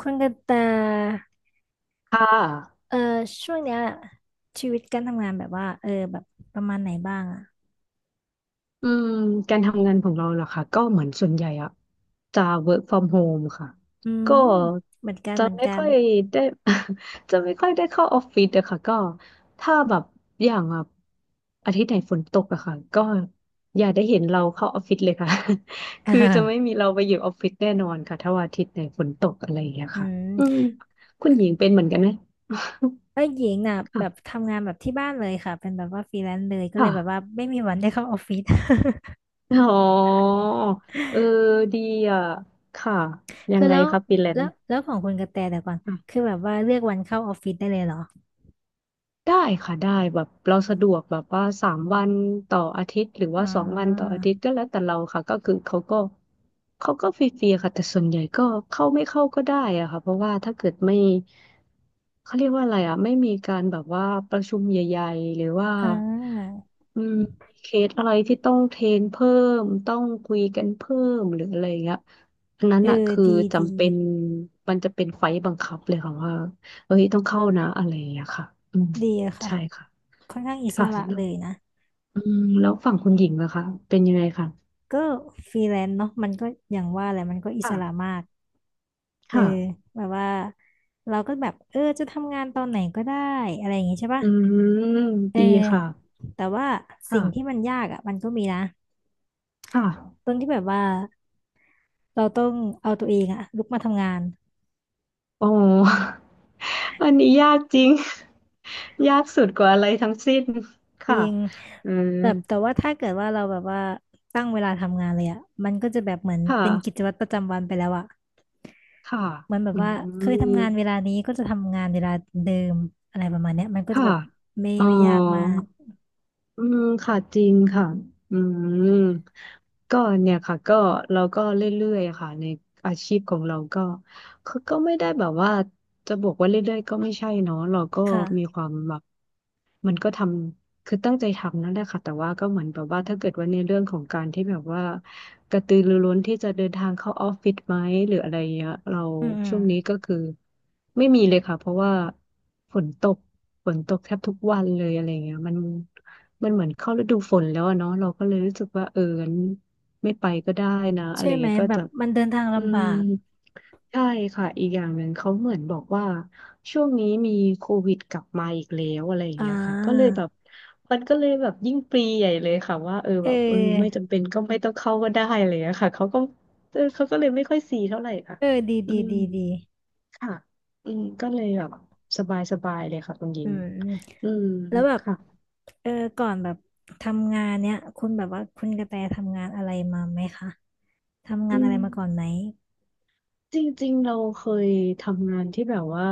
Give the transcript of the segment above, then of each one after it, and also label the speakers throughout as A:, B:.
A: คุณกันตา
B: ค่ะ
A: เออช่วงเนี้ยชีวิตการทำงานแบบว่าแบบประมาณไหนบ้างอ่ะ
B: อืมการทำงานของเราเหรอคะก็เหมือนส่วนใหญ่อะจะ work from home ค่ะ
A: อื
B: ก็
A: มเหมือนกัน
B: จะ
A: เหมือน
B: ไม่
A: กัน
B: ค่อยได้ จะไม่ค่อยได้เข้าออฟฟิศอะค่ะก็ถ้าแบบอย่างแบบอาทิตย์ไหนฝนตกอะค่ะก็อย่าได้เห็นเราเข้าออฟฟิศเลยค่ะ
A: เ
B: คือจะไม่
A: ออ
B: มีเราไปอยู่ออฟฟิศแน่นอนค่ะถ้าวันอาทิตย์ไหนฝนตกอะไรอย่างเงี้ย
A: อื
B: ค่ะ
A: ม
B: อืมคุณหญิงเป็นเหมือนกันไหม
A: เอ้ยหญิงน่ะ แบบ
B: ค่ะ
A: ทำงานแบบที่บ้านเลยค่ะเป็นแบบว่าฟรีแลนซ์เลยก็เล
B: ค่ะ
A: ยแบบว่าไม่มีวันได้เข้าออฟฟิศ
B: อ๋อเออดีอ่ะ ค่ะ ยั
A: คื
B: ง
A: อ
B: ไง
A: แล้ว
B: ครับฟรีแลน
A: แล้ว
B: ซ์
A: แล้วของคุณกระแตแต่ก่อน
B: ค่ะ
A: คือแบบว่าเลือกวันเข้าออฟฟิศได้เลยเหรอ
B: ได้ค่ะได้แบบเราสะดวกแบบว่าสามวันต่ออาทิตย์หรือ
A: อ๋
B: ว่าสองวันต่อ
A: อ
B: อาทิตย์ก็แล้วแต่เราค่ะก็คือเขาก็ฟรีๆค่ะแต่ส่วนใหญ่ก็เข้าไม่เข้าก็ได้อะค่ะเพราะว่าถ้าเกิดไม่เขาเรียกว่าอะไรอะไม่มีการแบบว่าประชุมใหญ่ๆหรือว่า
A: อ่า
B: อืมมีเคสอะไรที่ต้องเทรนเพิ่มต้องคุยกันเพิ่มหรืออะไรอย่างเงี้ยอันนั้น
A: เอ
B: อะ
A: อ
B: คือ
A: ดีดี
B: จำเป็นมันจะเป็นไฟล์บังคับเลยค่ะว่าเฮ้ยต้องเข้านะอะไรอย่างเงี้ยค่ะอืม
A: ดีอะค่ะ
B: ใช่ค่ะ
A: ค่อนข้างอิส
B: ค่ะ
A: ระ
B: แล้
A: เล
B: ว
A: ยนะ
B: อืมแล้วฝั่งคุณหญิงล่ะคะเป็นยังไงคะ
A: ก็ฟรีแลนซ์เนาะมันก็อย่างว่าแหละมันก็อิส
B: ค่ะ
A: ระมากเออ
B: ค่ะ
A: แบบว่าเราก็แบบเออจะทำงานตอนไหนก็ได้อะไรอย่างงี้ใช่ปะ
B: อืม
A: เออ
B: ดีค่ะ
A: แต่ว่า
B: ค่ะ
A: สิ่งที่มันยากอ่ะมันก็มีนะ
B: ค่ะ
A: ตรงที่แบบว่าเราต้องเอาตัวเองอ่ะลุกมาทำงาน
B: โอ อันนี้ยากจริง ยากสุดกว่าอะไรทั้งสิ้น
A: จริ
B: ค่ะ
A: ง
B: อื
A: แบ
B: ม
A: บแต่ว่าถ้าเกิดว่าเราแบบว่าตั้งเวลาทำงานเลยอ่ะมันก็จะแบบเหมือน
B: ค่ะ
A: เป็นกิจวัตรประจำวันไปแล้วอ่ะ
B: ค่ะ
A: มันแบบ
B: อืม
A: ว่าเคยทำงานเวลานี้ก็จะทำงานเวลาเดิมอะไรประมาณเนี้ยมันก็จะ
B: ค่ะ
A: แบบไม่
B: อ๋อ
A: ไม่ยากมาก
B: อืมค่ะจริงค่ะอืมก็เนี่ยค่ะก็เราก็เรื่อยๆอะค่ะในอาชีพของเราก็ คือก็ไม่ได้แบบว่าจะบอกว่าเรื่อยๆก็ไม่ใช่เนาะเราก็มี
A: ค่ะ
B: ความแบบมันก็ทำคือตั้งใจทำนั่นแหละค่ะแต่ว่าก็เหมือนแบบว่าถ้าเกิดว่าในเรื่องของการที่แบบว่ากระตือรือร้นที่จะเดินทางเข้าออฟฟิศไหมหรืออะไรเงี้ยเรา
A: อืมอืม
B: ช่วงนี้ก็คือไม่มีเลยค่ะเพราะว่าฝนตกฝนตกแทบทุกวันเลยอะไรเงี้ยมันเหมือนเข้าฤดูฝนแล้วอะเนาะเราก็เลยรู้สึกว่าเอองั้นไม่ไปก็ได้นะอะไร
A: ใช่ไหม
B: เงี้ยก็
A: แบบ
B: จะ
A: มันเดินทาง
B: อื
A: ลำบา
B: ม
A: ก
B: ใช่ค่ะอีกอย่างหนึ่งเขาเหมือนบอกว่าช่วงนี้มีโควิดกลับมาอีกแล้วอะไรอย่าง
A: อ่
B: เงี้ยค่ะก็เลย
A: า
B: แบบมันก็เลยแบบยิ่งปรีใหญ่เลยค่ะว่าเออ
A: เ
B: แบบเออไม่
A: ออ
B: จำเป็นก็ไม่ต้องเข้าก็ได้อะไรอย่างเลยค่ะเขาก็เออเขาก็เลยไม่ค่อยซีเท่าไหร่ค่ะ
A: เออดี
B: อื
A: ดี
B: ม
A: ดีดี
B: ค่ะอืมก็เลยแบบสบายสบายเลยค่ะคุณหญิ
A: อื
B: ง
A: มอืม
B: อืม
A: แล้วแบบ
B: ค่ะ
A: เออก่อนแบบทำงานเนี้ยคุณแบบว่าคุณกระแตทำงานอะไรมาไหมคะทำงาน
B: อื
A: อะไร
B: ม
A: มาก่อนไหม
B: จริงๆเราเคยทำงานที่แบบว่า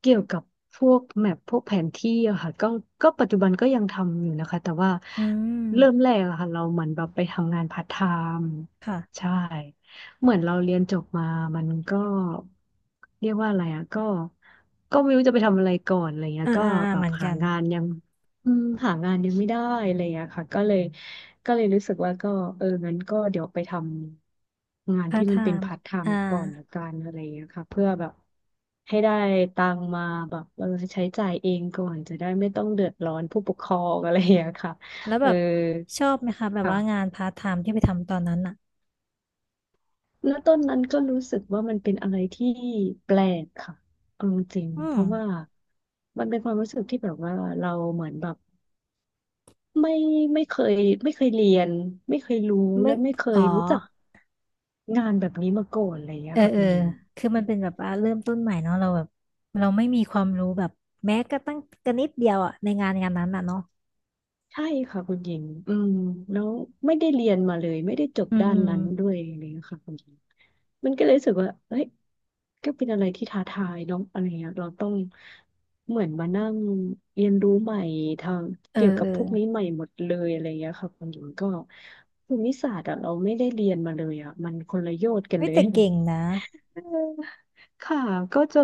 B: เกี่ยวกับพวกแมพพวกแผนที่อะค่ะก็ก็ปัจจุบันก็ยังทำอยู่นะคะแต่ว่า
A: อืม
B: เริ่มแรกอะค่ะเราเหมือนแบบไปทำงานพาร์ทไทม์
A: ค่ะ
B: ใช่เหมือนเราเรียนจบมามันก็เรียกว่าอะไรอะก็ก็ไม่รู้จะไปทำอะไรก่อนอะไรเงี้ย
A: อ่า
B: ก็
A: อ่าอ่า
B: แบ
A: เห
B: บ
A: มือน
B: หา
A: กัน
B: งานยังอืมหางานยังไม่ได้อะไรอย่างเงี้ยค่ะก็เลย ก็เลยรู้สึกว่าก็เอองั้นก็เดี๋ยวไปทำงาน
A: พาร์
B: ที่
A: ทไท
B: มันเป็น
A: ม์
B: พาร์ทไท
A: อ่า
B: ม์ก่อนละกันอะไรอย่างเงี้ยค่ะเพื่อแบบให้ได้ตังค์มาแบบเออใช้จ่ายเองก่อนจะได้ไม่ต้องเดือดร้อนผู้ปกครองอะไรอย่างเงี้ยค่ะ
A: แล้ว
B: เอ
A: แบ
B: อ
A: บชอบไหมคะแบบว่างาน
B: ค่ะ
A: พาร์ทไทม์ที่ไปทำตอนนั้นอ่ะ
B: แล้วต้นนั้นก็รู้สึกว่ามันเป็นอะไรที่แปลกค่ะเอาจริง
A: อื
B: ๆเพ
A: ม
B: ราะว่ามันเป็นความรู้สึกที่แบบว่าเราเหมือนแบบไม่ไม่เคยไม่เคยเรียนไม่เคยรู้
A: ไม่
B: และไม่เค
A: อ๋อ
B: ยรู้จัก งานแบบนี้มาก่อนอะไรอย่างเงี้
A: เอ
B: ย
A: อ
B: ค่ะ
A: เอ
B: คุ
A: อ
B: ณหญิง
A: คือมันเป็นแบบว่าเริ่มต้นใหม่เนาะเราแบบเราไม่มีความรู้แบบแม้กระตั้งกระนิดเดียวอะในงานงานนั้นอะเนาะ
B: ใช่ค่ะคุณหญิงอืมแล้วไม่ได้เรียนมาเลยไม่ได้จบ
A: อืม
B: ด้า
A: อื
B: น
A: ม
B: นั้นด้วยอะไรอย่างเลยค่ะคุณหญิงมันก็เลยรู้สึกว่าเฮ้ยก็เป็นอะไรที่ท้าทายเนองอะไรเงี้ยเราต้องเหมือนมานั่งเรียนรู้ใหม่ทาง
A: เออ
B: เกี่ยวกั
A: เอ
B: บ
A: อ
B: พวกนี้ใหม่หมดเลยอะไรเงี้ยค่ะคุณหญิงก็ภูมิศาสตร์อะเราไม่ได้เรียนมาเลยอะมันคนละโยชน์กัน
A: ไม่
B: เลย
A: แต่เก่งนะ
B: เออค่ะก็จะ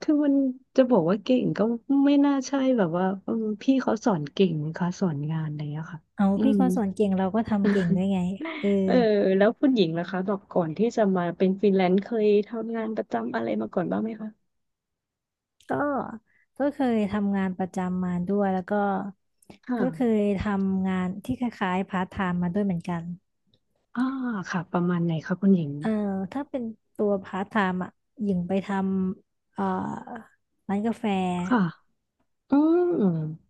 B: คือมันจะบอกว่าเก่งก็ไม่น่าใช่แบบว่าอืมพี่เขาสอนเก่งนะคะสอนงานอะไรอย่างเงี้ยค่ะ
A: เอา
B: อื
A: พี่
B: ม
A: เขาสอนเก่งเราก็ทำเก่งด้วย ไงเออ
B: เออแล้วคุณหญิงล่ะคะบอกก่อนที่จะมาเป็นฟรีแลนซ์เคยทำงานประจำอะไรมาก่อนบ้างไหมคะ
A: ก็ก็เคยทำงานประจำมาด้วยแล้วก็ก็เค
B: ค่ะ
A: ยทำงานที่คล้ายๆพาร์ทไทม์มาด้วยเหมือนกัน
B: อ่าค่ะประมาณไหนคะคุณหญิง
A: เออถ้าเป็นตัวพาร์ทไทม์อ่ะหญิงไปทำร้านกาแฟ
B: ค่ะอืม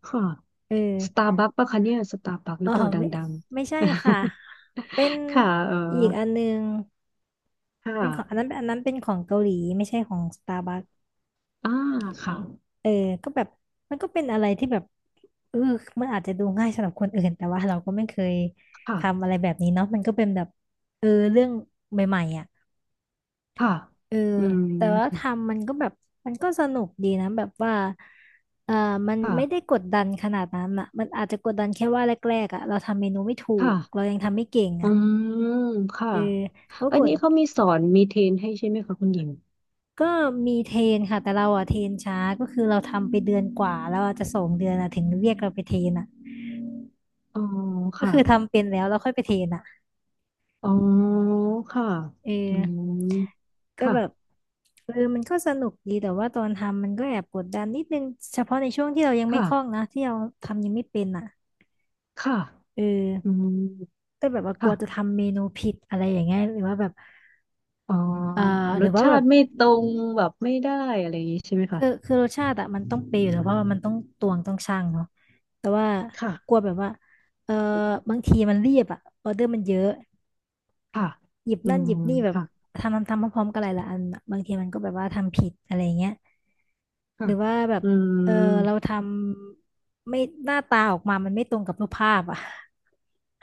B: ค่ะ
A: เออ
B: สตาร์บัคปะคะเนี่ยสตาร์บัคหรื
A: อ๋
B: อ
A: อ
B: เปล่าด
A: ไม่
B: ัง
A: ไม่ใช่ค่ะ
B: ๆ
A: เป็น
B: ค่ะเออ
A: อีกอันนึงเป็
B: ค่ะ
A: นของอันนั้นอันนั้นเป็นของเกาหลีไม่ใช่ของสตาร์บัค
B: อ่าค่ะ
A: เออก็แบบมันก็เป็นอะไรที่แบบเออมันอาจจะดูง่ายสำหรับคนอื่นแต่ว่าเราก็ไม่เคย
B: ค่ะ
A: ทำอะไรแบบนี้เนาะมันก็เป็นแบบเออเรื่องใหม่ๆอ่ะ
B: ค่ะ
A: เออ
B: อืม
A: แต่ว่า
B: ค
A: ทำมันก็แบบมันก็สนุกดีนะแบบว่าเออมัน
B: ่ะ
A: ไม่ได้กดดันขนาดนั้นอ่ะมันอาจจะกดดันแค่ว่าแรกๆอ่ะเราทำเมนูไม่ถูกเรา
B: ค่ะ
A: ยังทำไม่เก่ง
B: อื
A: อ่ะ
B: มค่ะ
A: เออก็
B: อั
A: ก
B: น
A: ด
B: นี้เขามีสอนมีเทรนให้ใช่ไหมคะคุณหญิง
A: ก็มีเทรนค่ะแต่เราอะเทรนช้าก็คือเราทำไปเดือนกว่าแล้วอาจจะ2 เดือนอะถึงเรียกเราไปเทรนอะ
B: อ๋อ
A: ก็
B: ค่ะ
A: คือทำเป็นแล้วเราค่อยไปเทรนอะ
B: อ๋อค่ะ
A: เอ
B: อื
A: อ
B: ม
A: ก็
B: ค่ะ
A: แบบเออมันก็สนุกดีแต่ว่าตอนทำมันก็แอบกดดันนิดนึงเฉพาะในช่วงที่เรายังไม่คล่อง
B: ค่ะ
A: นะที่เราทำยังไม่เป็นอ่ะ
B: ค่ะ
A: เอ
B: อื
A: อ
B: ม
A: ก็แบบว่ากลั
B: ค่ะ
A: วจะทำเมนูผิดอะไรอย่างเงี้ยหรือว่าแบบ
B: อ๋อ
A: เอ่อห
B: ร
A: รือ
B: ส
A: ว่า
B: ชา
A: แบบ
B: ติไม่ตรงแบบไม่ได้อะไรอย่างนี้ใช่ไหมคะ
A: คือรสชาติอะมันต้องเปรี้ยวอยู่แล้วเพราะว่ามันต้องตวงต้องชั่งเนาะแต่ว่า
B: ค่ะ
A: กลัวแบบว่าเออบางทีมันเรียบอะออเดอร์มันเยอะ
B: ค่ะ
A: หยิบ
B: อื
A: นั่นห
B: ม
A: ยิบนี่แบบ
B: ค่ะ
A: ทำพร้อมๆกันหลายๆอันอะบางทีมันก็แบบว่าทำผิดอะไรเงี้ยห
B: ค่ะ
A: รือว่าแบบ
B: อื
A: เออ
B: ม
A: เราทำไม่หน้าตาออกมามันไม่ตรงกับรูปภาพอะ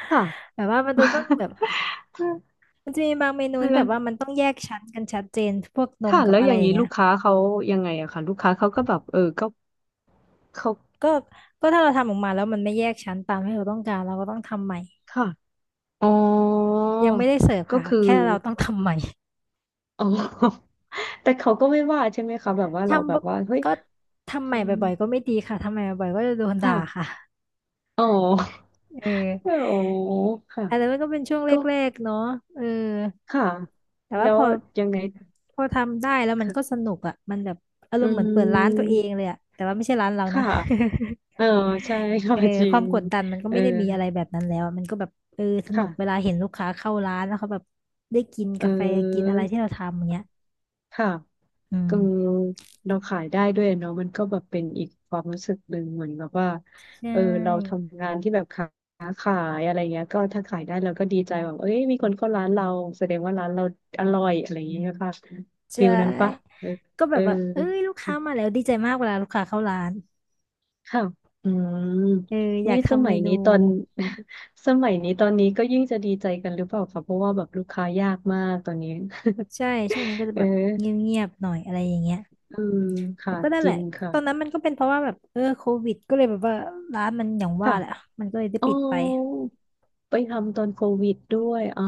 B: ค่ะ
A: แบบว่ามันจะต้องแบบ มันจะมีบางเมนูที่
B: แล้
A: แบ
B: ว
A: บว่ามันต้องแยกชั้นกันชัดเจนพวกนม
B: ค่ะ
A: กับ
B: แล้ว
A: อะ
B: อ
A: ไร
B: ย่าง
A: อย่า
B: นี้
A: งเงี้
B: ลู
A: ย
B: กค้าเขายังไงอะค่ะลูกค้าเขาก็แบบเออก็เขา
A: ก็ก็ถ้าเราทำออกมาแล้วมันไม่แยกชั้นตามที่เราต้องการเราก็ต้องทำใหม่
B: ค่ะอ๋อ
A: ยังไม่ได้เสิร์ฟ
B: ก็
A: ค่ะ
B: คือ
A: แค่เราต้องทำใหม่
B: อ๋อ แต่เขาก็ไม่ว่าใช่ไหมคะแบบว่า เราแบ
A: ทำบ่
B: บว่าเฮ้ย
A: ก็ทำให
B: อื
A: ม่
B: ม
A: บ่อยๆก็ไม่ดีค่ะทำใหม่บ่อยๆก็จะโดนด่า
B: ค่ะ
A: ค่ะ
B: อ๋อ
A: เออ
B: โอ้ค่ะ
A: อันนั้นก็เป็นช่วง
B: ก็
A: แรกๆเนาะเออ
B: ค่ะ
A: แต่
B: แล้
A: ว่าพ
B: ว
A: อ
B: ยังไง
A: พอทำได้แล้วมันก็
B: ค่ะ
A: สนุกอ่ะมันแบบอาร
B: อื
A: มณ์เหมือนเปิดร้านตัว
B: ม
A: เองเลยอ่ะแต่ว่าไม่ใช่ร้านเรานะ
B: ค่ะเออใช่ ค่ะ
A: เออ
B: จริ
A: ควา
B: ง
A: มกดดันมันก็
B: เออ
A: ไม่ได้มีอะไรแบบนั้นแล้วอะมันก็แบบเออสนุ
B: ค่ะ
A: กเวลาเห็นลูกค้าเข้าร้านแล้วเขาแบบได้กิน
B: เ
A: กาแฟกิน
B: อ
A: อะ
B: อ
A: ไรที่เราทำอย่างเงี้ย
B: ค่ะ
A: อื
B: ก็
A: ม
B: เราขายได้ด้วยเนาะมันก็แบบเป็นอีกความรู้สึกหนึ่งเหมือนแบบว่า
A: ใช
B: เออเรา
A: ่
B: ทำงานที่แบบค้าขายอะไรเงี้ยก็ถ้าขายได้เราก็ดีใจแบบเอ้ยมีคนเข้าร้านเราแสดงว่าร้านเราอร่อยอะไรอย่างเงี้ยค่ะฟิ
A: ใช่
B: ลนั้นปะเออ
A: ก็แบ
B: เออ
A: บว่าเอ้ยลูกค้ามาแล้วดีใจมากเวลาลูกค้าเข้าร้าน
B: ค่ะอืม
A: เอออยา
B: นี่
A: ก
B: ส
A: ทำ
B: มั
A: เม
B: ย
A: นู
B: นี้ตอน สมัยนี้ตอนนี้ก็ยิ่งจะดีใจกันหรือเปล่าคะเพราะว่าแบบลูกค้ายากมากตอนนี้
A: ใช่ช่วงนี้ก็จะ
B: เออ
A: แบบเงียบๆหน่อยอะไรอย่างเงี้ย
B: อืม
A: แต่
B: ค่ะ
A: ก็นั่น
B: จ
A: แห
B: ริ
A: ละ
B: ง
A: ตอนนั้น
B: ค่ะ
A: มันก็เป็นเพราะว่าแบบเออโควิดก็เลยแบบว่าร้านมันอย่างว่า
B: ค่ะ
A: แหละมันก็เลยได้
B: อ๋อ
A: ปิดไป
B: ไปทำตอนโควิดด้วยอ่า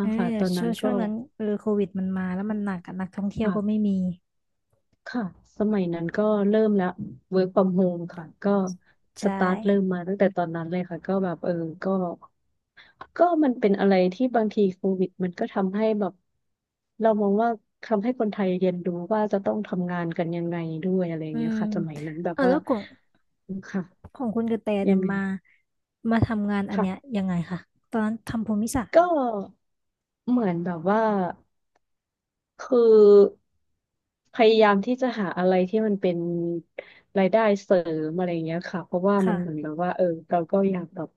A: เออ
B: ค่ะตอน
A: ช่
B: นั้
A: ว
B: น
A: งช่
B: ก็
A: วงนั้นเออโควิดมันมาแล้วมันหนักอะนักท่องเที่ยวก็ไม่
B: ค่ะ
A: มี
B: ค่ะสมัยนั้นก็เริ่มแล้ว work from home ค่ะก็ส
A: ใช่
B: ตาร์ทเริ่มมาตั้งแต่ตอนนั้นเลยค่ะก็แบบเออก็ก็มันเป็นอะไรที่บางทีโควิดมันก็ทำให้แบบเรามองว่าทำให้คนไทยเรียนรู้ว่าจะต้องทำงานกันยังไงด้วยอะไรอย่า
A: อื
B: งเงี้ย
A: ม
B: ค่ะสมัยนั้นแบ
A: เอ
B: บ
A: อ
B: ว่า
A: แล้วของ
B: ค่ะ
A: ของคุณกระแตเนี่
B: ยัง
A: ย
B: ไง
A: มามาทำงานอันเนี้ย
B: ค่ะ
A: ยังไงคะตอนนั้นทำภูมิศาสตร์
B: ก็เหมือนแบบว่า คือพยายามที่จะหาอะไรที่มันเป็นรายได้เสริมอะไรเงี้ยค่ะ
A: ค่ะ
B: เราก็อยากแบบ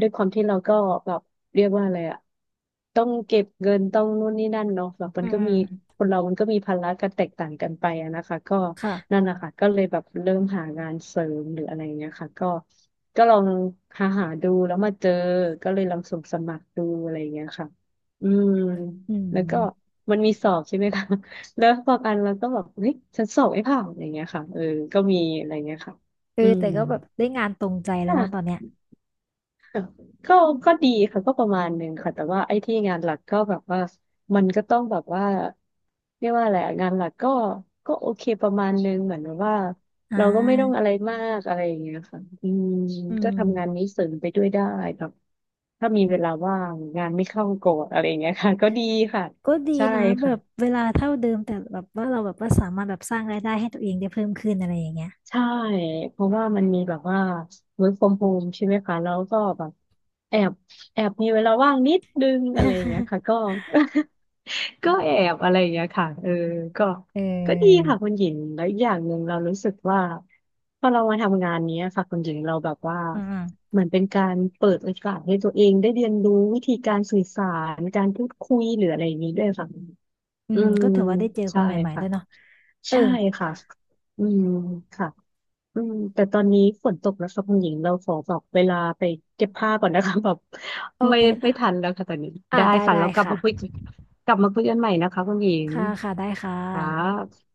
B: ด้วยความที่เราก็แบบเรียกว่าอะไรอะต้องเก็บเงินต้องนู่นนี่นั่นเนาะแบบมั
A: อื
B: น
A: ม
B: ก็
A: อืม
B: มีคนเรามันก็มีภาระกันแตกต่างกันไปอะนะคะก็นั่
A: ค่ะ
B: นนะคะก็เลยแบบเริ่มหางานเสริมหรืออะไรอย่างเงี้ยค่ะก็ก็ลองหาหาดูแล้วมาเจอก็เลยลองส่งสมัครดูอะไรอย่างเงี้ยค่ะอืม
A: อื
B: แล้วก็
A: ม
B: มันมีสอบใช่ไหมคะ แล้วบางอันเราก็แบบเฮ้ยฉันสอบไม่ผ่านอย่างเงี้ยค่ะเออก็มีอะไรเงี้ยค่ะ
A: เออ
B: อืม
A: แต่ก็แบบได้งานตรงใจแล้ว
B: ค่ะ
A: เนาะตอนเนี้ย
B: ค่ะก็ก็ดีค่ะก็ประมาณหนึ่งค่ะแต่ว่าไอ้ที่งานหลักก็แบบว่ามันก็ต้องแบบว่าเรียกว่าอะไรอะงานหลักก็ก็โอเคประมาณหนึ่งเหมือนแบบว่า
A: อ่
B: เราก็ไม่ต้อง
A: า
B: อะไรมากอะไรอย่างเงี้ยค่ะอืม
A: อื
B: ก็
A: ม
B: ทำงานนี้เสริมไปด้วยได้แบบถ้ามีเวลาว่างงานไม่เข้าโกรธอะไรอย่างเงี้ยค่ะก็ดีค่ะ
A: ก็ดี
B: ใช่
A: นะแบ
B: ค่ะ
A: บเวลาเท่าเดิมแต่แบบว่าเราแบบว่าสามารถแบบสร้างรายได้ให้ตัวเองได้เพิ่มขึ้นอะไรอย่างเงี้ย
B: ใช่เพราะว่ามันมีแบบว่า work from home ใช่ไหมคะแล้วก็แบบแอบแอบมีเวลาว่างนิดนึงอะไรอย่างเงี้ยค่ะก็ ก็แอบอะไรอย่างเงี้ยค่ะเออก็
A: เอ
B: ก็ดี
A: อ
B: ค่ะคุณหญิงแล้วอีกอย่างหนึ่งเรารู้สึกว่าพอเรามาทำงานเนี้ยค่ะคุณหญิงเราแบบว่า
A: อืมอืม
B: เหมือนเป็นการเปิดโอกาสให้ตัวเองได้เรียนรู้วิธีการสื่อสารการพูดคุยหรืออะไรอย่างนี้ด้วยค่ะ
A: อื
B: อื
A: ม
B: ม
A: ก็ถือว่าได้เจอค
B: ใช่
A: นใหม่ๆด้
B: ค่ะ
A: วยเนาะเออ
B: ใช่ค่ะอืมค่ะ อืมแต่ตอนนี้ฝนตกแล้วค่ะคุณหญิงเราขอแบบเวลาไปเก็บผ้าก่อนนะคะ แบบ
A: โอ
B: ไม่
A: เค
B: ไม่
A: ค่ะ
B: ทันแล้วค่ะตอนนี้
A: อ่า
B: ได้
A: ได้
B: ค่ะแล้
A: ได้
B: วกลับ
A: ค่ะ
B: มาคุยกันกลับมาคุยกันใหม่นะคะคุณหญิง
A: ค่ะค่ะได้ค่
B: ค่
A: ะ
B: ะ